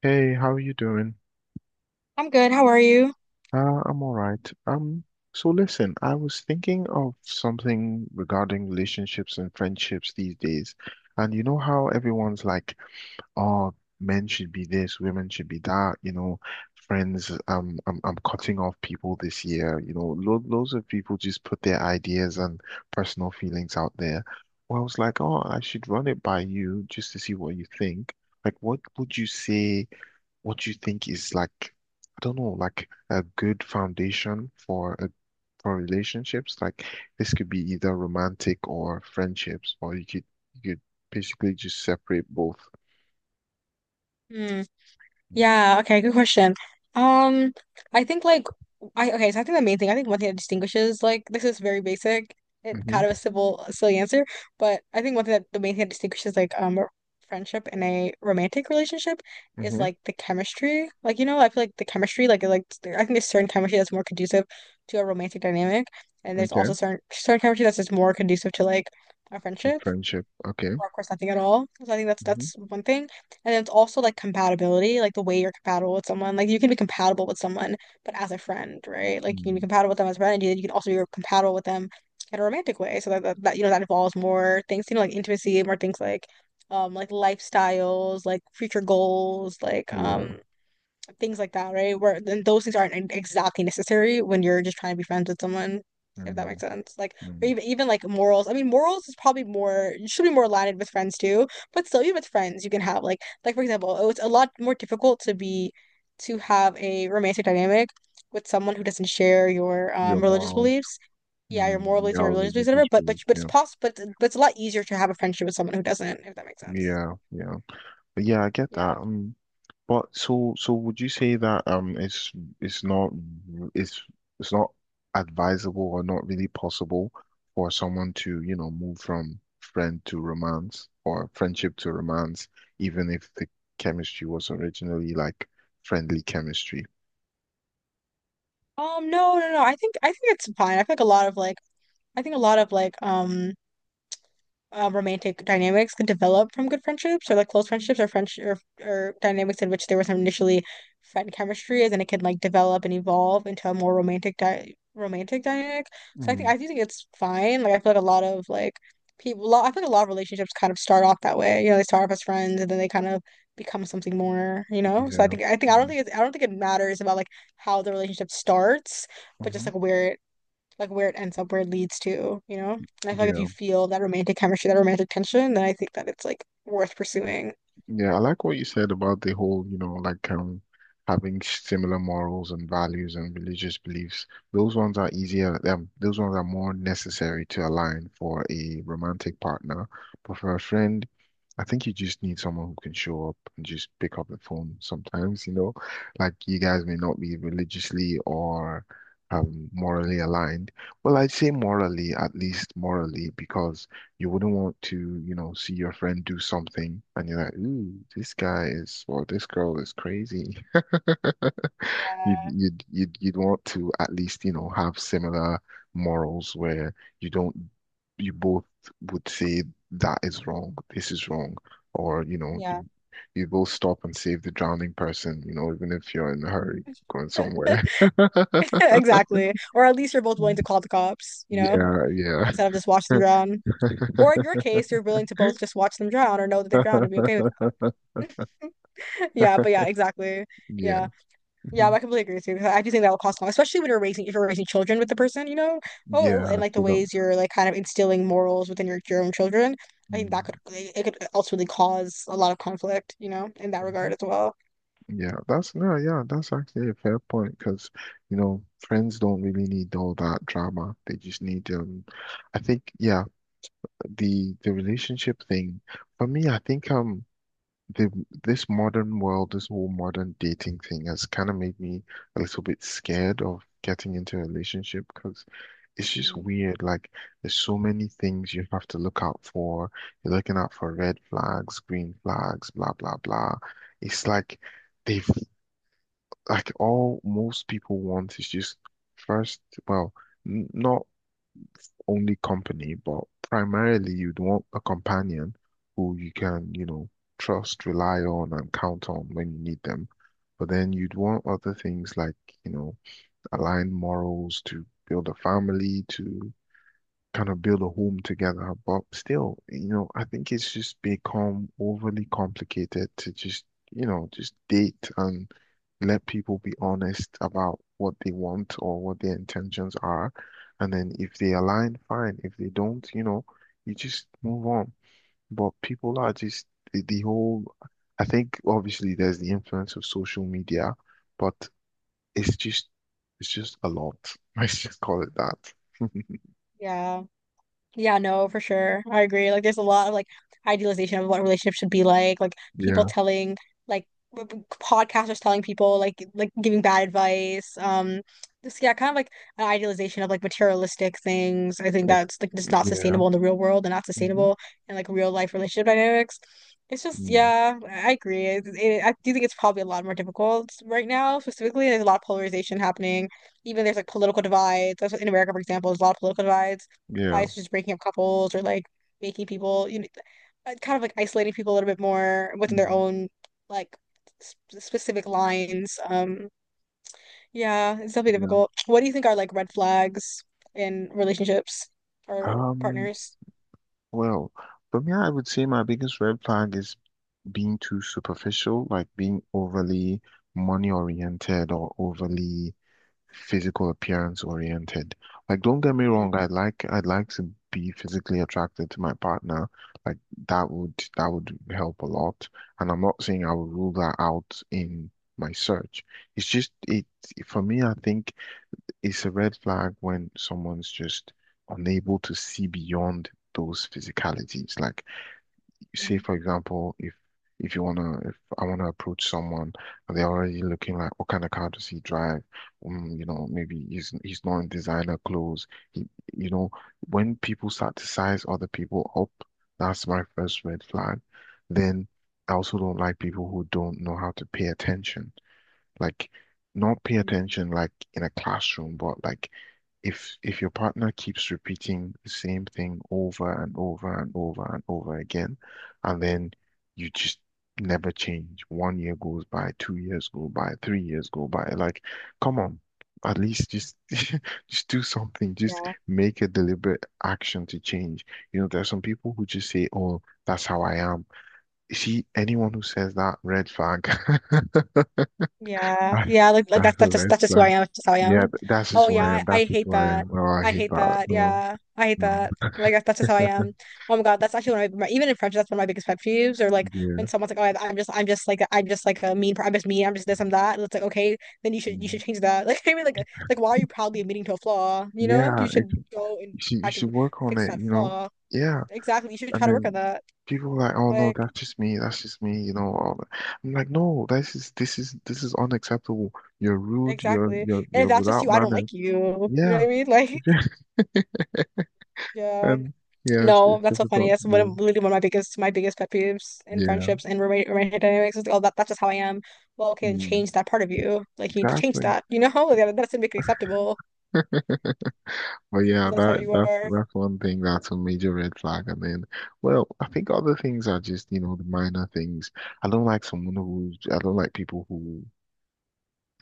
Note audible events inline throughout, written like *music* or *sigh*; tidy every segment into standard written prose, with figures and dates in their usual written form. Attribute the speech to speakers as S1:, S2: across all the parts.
S1: Hey, how are you doing?
S2: I'm good. How are you?
S1: I'm all right. So listen, I was thinking of something regarding relationships and friendships these days. And you know how everyone's like, oh, men should be this, women should be that, you know, friends, I'm cutting off people this year. You know, lo loads of people just put their ideas and personal feelings out there. Well, I was like, oh, I should run it by you just to see what you think. Like, what would you say? What do you think is like, I don't know, like a good foundation for a for relationships? Like this could be either romantic or friendships, or you could basically just separate both.
S2: Hmm. Yeah. Okay. Good question. Um, I think like I okay. So I think the main thing I think one thing that distinguishes like this is very basic. It
S1: Mm-hmm.
S2: kind of a simple silly answer, but I think one thing that the main thing that distinguishes like a friendship and a romantic relationship is
S1: Mm-hmm.
S2: like the chemistry. Like you know, I feel like the chemistry like, I think there's certain chemistry that's more conducive to a romantic dynamic, and there's
S1: Okay.
S2: also certain chemistry that's just more conducive to like a
S1: So
S2: friendship,
S1: friendship. Okay.
S2: or of course nothing at all. So I think that's
S1: Mm-hmm.
S2: one thing. And then it's also like compatibility, like the way you're compatible with someone. Like you can be compatible with someone, but as a friend, right? Like you can be
S1: Mm,
S2: compatible with them as a friend, and you can also be compatible with them in a romantic way. So that, you know, that involves more things, you know, like intimacy, more things like lifestyles, like future goals, like
S1: yeah.
S2: things like that, right? Where then those things aren't exactly necessary when you're just trying to be friends with someone, if that makes
S1: Mm,
S2: sense. Like, or
S1: mm.
S2: even like morals. I mean, morals is probably more, you should be more aligned with friends too, but still, even with friends, you can have like for example, oh, it's a lot more difficult to be to have a romantic dynamic with someone who doesn't share your
S1: Your
S2: religious
S1: morals.
S2: beliefs. Yeah, your
S1: Mm,
S2: moral beliefs and your
S1: your
S2: religious beliefs,
S1: religious
S2: whatever. But but
S1: beliefs.
S2: but it's
S1: Yeah.
S2: possible. But it's a lot easier to have a friendship with someone who doesn't, if that makes sense.
S1: Yeah. Yeah, yeah, I get
S2: Yeah.
S1: that. But so would you say that it's it's not it's it's not advisable or not really possible for someone to, you know, move from friend to romance or friendship to romance, even if the chemistry was originally like friendly chemistry?
S2: No. I think it's fine. I feel like a lot of like, I think a lot of like romantic dynamics can develop from good friendships or like close friendships or friends or dynamics in which there was some initially friend chemistry and then it can like develop and evolve into a more romantic dynamic. So I think
S1: Mm.
S2: I do think it's fine. Like I feel like a lot of like I feel like a lot of relationships kind of start off that way. You know, they start off as friends and then they kind of become something more. You know, so I
S1: Yeah.
S2: think I think I don't
S1: Mm,
S2: think it's, I don't think it matters about like how the relationship starts, but just
S1: mhm.
S2: like where it, like where it ends up, where it leads to, you know? And I feel like if
S1: Yeah.
S2: you feel that romantic chemistry, that romantic tension, then I think that it's like worth pursuing.
S1: Yeah, I like what you said about the whole, you know, like having similar morals and values and religious beliefs. Those ones are easier, those ones are more necessary to align for a romantic partner. But for a friend, I think you just need someone who can show up and just pick up the phone sometimes, you know. Like you guys may not be religiously or morally aligned. Well, I'd say morally, at least morally, because you wouldn't want to, you know, see your friend do something and you're like, ooh, this guy is, well, this girl is crazy. *laughs* You'd,
S2: Yeah.
S1: you'd, you'd, you'd want to at least, you know, have similar morals where you don't, you both would say that is wrong, this is wrong, or, you know,
S2: Yeah.
S1: you both stop and save the drowning person, you know, even if you're in a hurry going somewhere.
S2: *laughs*
S1: *laughs*
S2: Exactly. Or at least you're both willing to call the cops, you know,
S1: Yeah, yeah,
S2: instead of just watch them drown. Or in your case, you're willing to both just watch them drown or know that they're drowned and be okay with it. *laughs* Yeah, but yeah, exactly.
S1: *laughs* yeah,
S2: Yeah. Yeah,
S1: mhm.
S2: I completely agree with you. 'Cause I do think that will cause, a especially when you're raising if you're raising children with the person, you know. Oh,
S1: Yeah.
S2: and like the
S1: So that.
S2: ways you're like kind of instilling morals within your own children. I think that
S1: Mm.
S2: could ultimately cause a lot of conflict, you know, in that regard
S1: Mhm.
S2: as well.
S1: Yeah, that's no, yeah, that's actually a fair point because you know friends don't really need all that drama. They just need I think yeah, the relationship thing for me, I think the this modern world, this whole modern dating thing has kind of made me a little bit scared of getting into a relationship because it's just
S2: Mm.
S1: weird. Like there's so many things you have to look out for. You're looking out for red flags, green flags, blah blah blah. It's like they've like all most people want is just first, well, n not only company, but primarily you'd want a companion who you can, you know, trust, rely on, and count on when you need them. But then you'd want other things like, you know, align morals to build a family, to kind of build a home together. But still, you know, I think it's just become overly complicated to just, you know, just date and let people be honest about what they want or what their intentions are. And then if they align, fine. If they don't, you know, you just move on. But people are just the, the whole, I think obviously there's the influence of social media, but it's just, it's just a lot. *laughs* Let's just call it that. *laughs*
S2: Yeah. Yeah, no, for sure. I agree. Like, there's a lot of like idealization of what relationships should be like. Like, people
S1: Yeah.
S2: telling like podcasters telling people like giving bad advice. This, yeah, kind of like an idealization of like materialistic things. I think
S1: Like,
S2: that's like just not
S1: yeah.
S2: sustainable in the real world and not
S1: Hmm.
S2: sustainable in like real life relationship dynamics. It's just,
S1: Mm.
S2: yeah, I agree. I do think it's probably a lot more difficult right now. Specifically, there's a lot of polarization happening. Even there's like political divides. In America, for example, there's a lot of political divides
S1: Yeah.
S2: wives just breaking up couples or like making people, you know, kind of like isolating people a little bit more within their
S1: Mm.
S2: own like sp specific lines. Yeah, it's definitely
S1: Yeah.
S2: difficult. What do you think are like red flags in relationships or
S1: Um,
S2: partners?
S1: well, for me, I would say my biggest red flag is being too superficial, like being overly money oriented or overly physical appearance oriented. Like, don't get me
S2: Mm,
S1: wrong, I'd like to be physically attracted to my partner. Like that would help a lot. And I'm not saying I would rule that out in my search. It's just it For me, I think it's a red flag when someone's just unable to see beyond those physicalities. Like, say
S2: mm,
S1: for example, if you wanna, if I wanna approach someone, and they're already looking like, what kind of car does he drive? Mm, you know, maybe he's not in designer clothes. He, you know, when people start to size other people up, that's my first red flag. Then I also don't like people who don't know how to pay attention, like not pay
S2: mm.
S1: attention like in a classroom, but like if your partner keeps repeating the same thing over and over and over and over again, and then you just never change. 1 year goes by, 2 years go by, 3 years go by. Like, come on, at least just *laughs* just do something. Just
S2: Yeah.
S1: make a deliberate action to change. You know, there are some people who just say, "Oh, that's how I am." You see, anyone who says that, red flag. *laughs* *laughs*
S2: Yeah,
S1: I,
S2: yeah, like that's
S1: that's a red
S2: that's just who I
S1: flag.
S2: am. That's just how I
S1: Yeah,
S2: am.
S1: that's just
S2: Oh
S1: who
S2: yeah,
S1: I am.
S2: I
S1: That's just
S2: hate
S1: who I
S2: that.
S1: am. Oh, I
S2: I
S1: hate
S2: hate
S1: that.
S2: that.
S1: No,
S2: Yeah, I hate
S1: no.
S2: that. Like that's just how I
S1: *laughs*
S2: am. Oh my God, that's actually one of my, even in friendship, that's one of my biggest pet peeves. Or like
S1: Yeah.
S2: when someone's like, "Oh, I'm just like, I'm just like a mean, I'm just mean. I'm just this. I'm that." And it's like, okay, then you should, you
S1: Mm.
S2: should change that. *laughs* Like I mean, like why are you proudly admitting to a flaw? You know,
S1: Yeah,
S2: you
S1: it's
S2: should go and try
S1: you should
S2: to
S1: work on
S2: fix
S1: it,
S2: that
S1: you know.
S2: flaw.
S1: Yeah.
S2: Exactly, you should
S1: And
S2: try to work on
S1: then
S2: that.
S1: people are like, oh no,
S2: Like
S1: that's just me, you know, all that. I'm like, no, this is unacceptable. You're rude,
S2: exactly. And if
S1: you're
S2: that's just
S1: without
S2: you, I don't
S1: manners.
S2: like you. You know what
S1: Yeah.
S2: I mean? *laughs* Like
S1: *laughs*
S2: yeah.
S1: And yeah,
S2: No,
S1: it's
S2: that's so funny.
S1: difficult to
S2: That's one of
S1: do.
S2: literally one of my biggest, my biggest pet peeves in
S1: Yeah.
S2: friendships and roommate romantic dynamics is like, oh, that, that's just how I am. Well, okay, then
S1: Mm,
S2: change that part of you. Like you need to change
S1: exactly.
S2: that, you know? *laughs* Like, that doesn't make it acceptable
S1: *laughs* But
S2: because
S1: yeah,
S2: that's how you are.
S1: that's one thing that's a major red flag. And then, well, I think other things are just, you know, the minor things. I don't like people who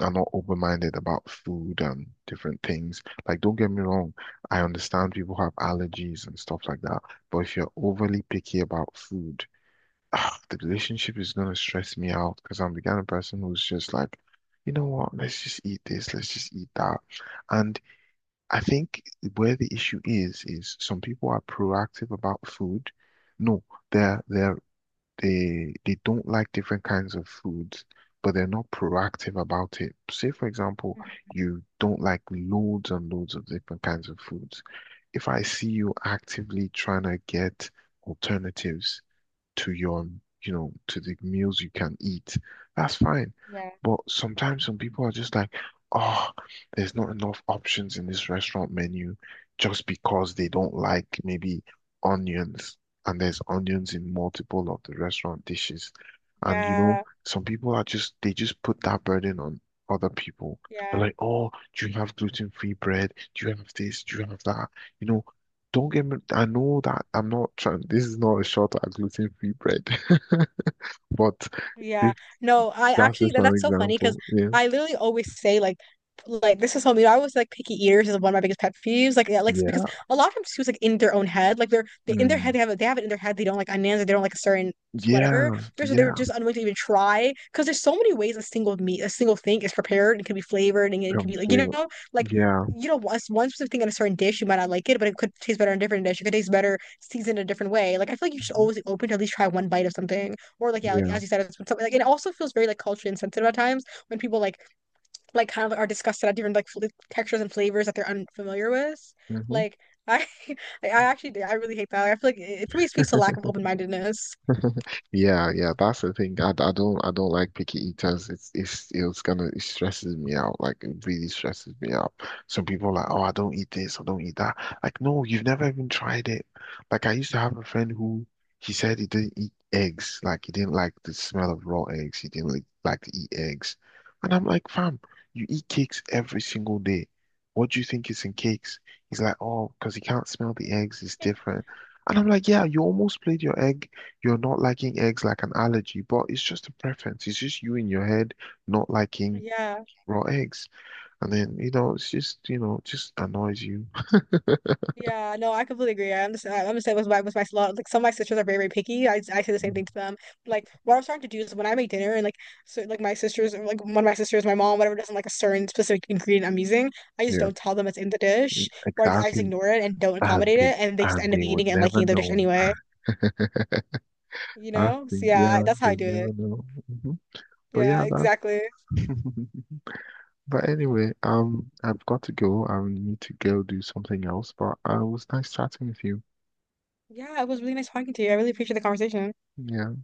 S1: are not open-minded about food and different things. Like, don't get me wrong, I understand people have allergies and stuff like that. But if you're overly picky about food, ah, the relationship is gonna stress me out because I'm the kind of person who's just like, you know what, let's just eat this, let's just eat that. And I think where the issue is some people are proactive about food. No, they're they're they they don't like different kinds of foods, but they're not proactive about it. Say, for example, you don't like loads and loads of different kinds of foods. If I see you actively trying to get alternatives to your, you know, to the meals you can eat, that's fine.
S2: Yeah.
S1: But sometimes some people are just like, oh, there's not enough options in this restaurant menu just because they don't like maybe onions and there's onions in multiple of the restaurant dishes. And you know,
S2: Yeah,
S1: some people are just they just put that burden on other people. They're
S2: yeah.
S1: like, oh, do you have gluten-free bread? Do you have this? Do you have that? You know, don't get me. I know that I'm not trying. This is not a shot at gluten-free bread, *laughs* but
S2: Yeah.
S1: this,
S2: No, I
S1: that's
S2: actually
S1: just
S2: that,
S1: an
S2: that's so funny because
S1: example. Yeah.
S2: I literally always say like this is something, I was like, picky eaters is one of my biggest pet peeves. Like yeah, like because
S1: Yeah.
S2: a lot of times too it's like in their own head. Like they're, they in their
S1: Mm.
S2: head they have it, they have it in their head they don't like onions or they don't like a certain whatever.
S1: Yeah.
S2: They're so, they're
S1: Yeah.
S2: just unwilling to even try because there's so many ways a single meat, a single thing is prepared and can be flavored, and it can
S1: Come
S2: be like, you
S1: say.
S2: know, like,
S1: Yeah.
S2: you know, one specific thing in a certain dish, you might not like it, but it could taste better in a different dish. It could taste better seasoned a different way. Like I feel like you should
S1: Mhm.
S2: always be open to at least try one bite of something. Or like yeah, like
S1: Yeah.
S2: as you said, it's something like, and it also feels very like culturally insensitive at times when people like kind of are disgusted at different like fl textures and flavors that they're unfamiliar with.
S1: Mhm.
S2: Like I, *laughs* I actually I really hate that. Like, I feel like it for me speaks to lack of open-mindedness.
S1: *laughs* Yeah, yeah, that's the thing. I don't like picky eaters. It's gonna, it stresses me out. Like it really stresses me out. Some people are like, oh, I don't eat this, I don't eat that. Like, no, you've never even tried it. Like I used to have a friend who he said he didn't eat eggs. Like he didn't like the smell of raw eggs. He didn't like to eat eggs. And I'm like, fam, you eat cakes every single day. What do you think is in cakes? He's like, oh, because he can't smell the eggs, it's different. And I'm like, yeah, you almost played your egg. You're not liking eggs like an allergy, but it's just a preference. It's just you in your head not liking
S2: Yeah.
S1: raw eggs. And then, you know, it's just, you know, just annoys you. *laughs*
S2: Yeah, no, I completely agree. I understand. I understand with my, with my lot. Like some of my sisters are very very picky. I say the same
S1: Mm.
S2: thing to them. Like what I'm starting to do is when I make dinner and like, so like my sisters or, like one of my sisters, my mom, whatever doesn't like a certain specific ingredient I'm using, I just
S1: Yeah,
S2: don't tell them it's in the dish, or I just
S1: exactly.
S2: ignore it and don't
S1: And
S2: accommodate it, and they just end up
S1: they would
S2: eating it and
S1: never
S2: liking the dish
S1: know.
S2: anyway.
S1: *laughs*
S2: You
S1: I
S2: know? So
S1: think,
S2: yeah,
S1: yeah,
S2: that's how I
S1: they
S2: do
S1: never
S2: it.
S1: know. Mhm. But
S2: Yeah,
S1: yeah, that.
S2: exactly.
S1: *laughs* But anyway, I've got to go. I need to go do something else. But it was nice chatting with you.
S2: Yeah, it was really nice talking to you. I really appreciate the conversation.
S1: Yeah.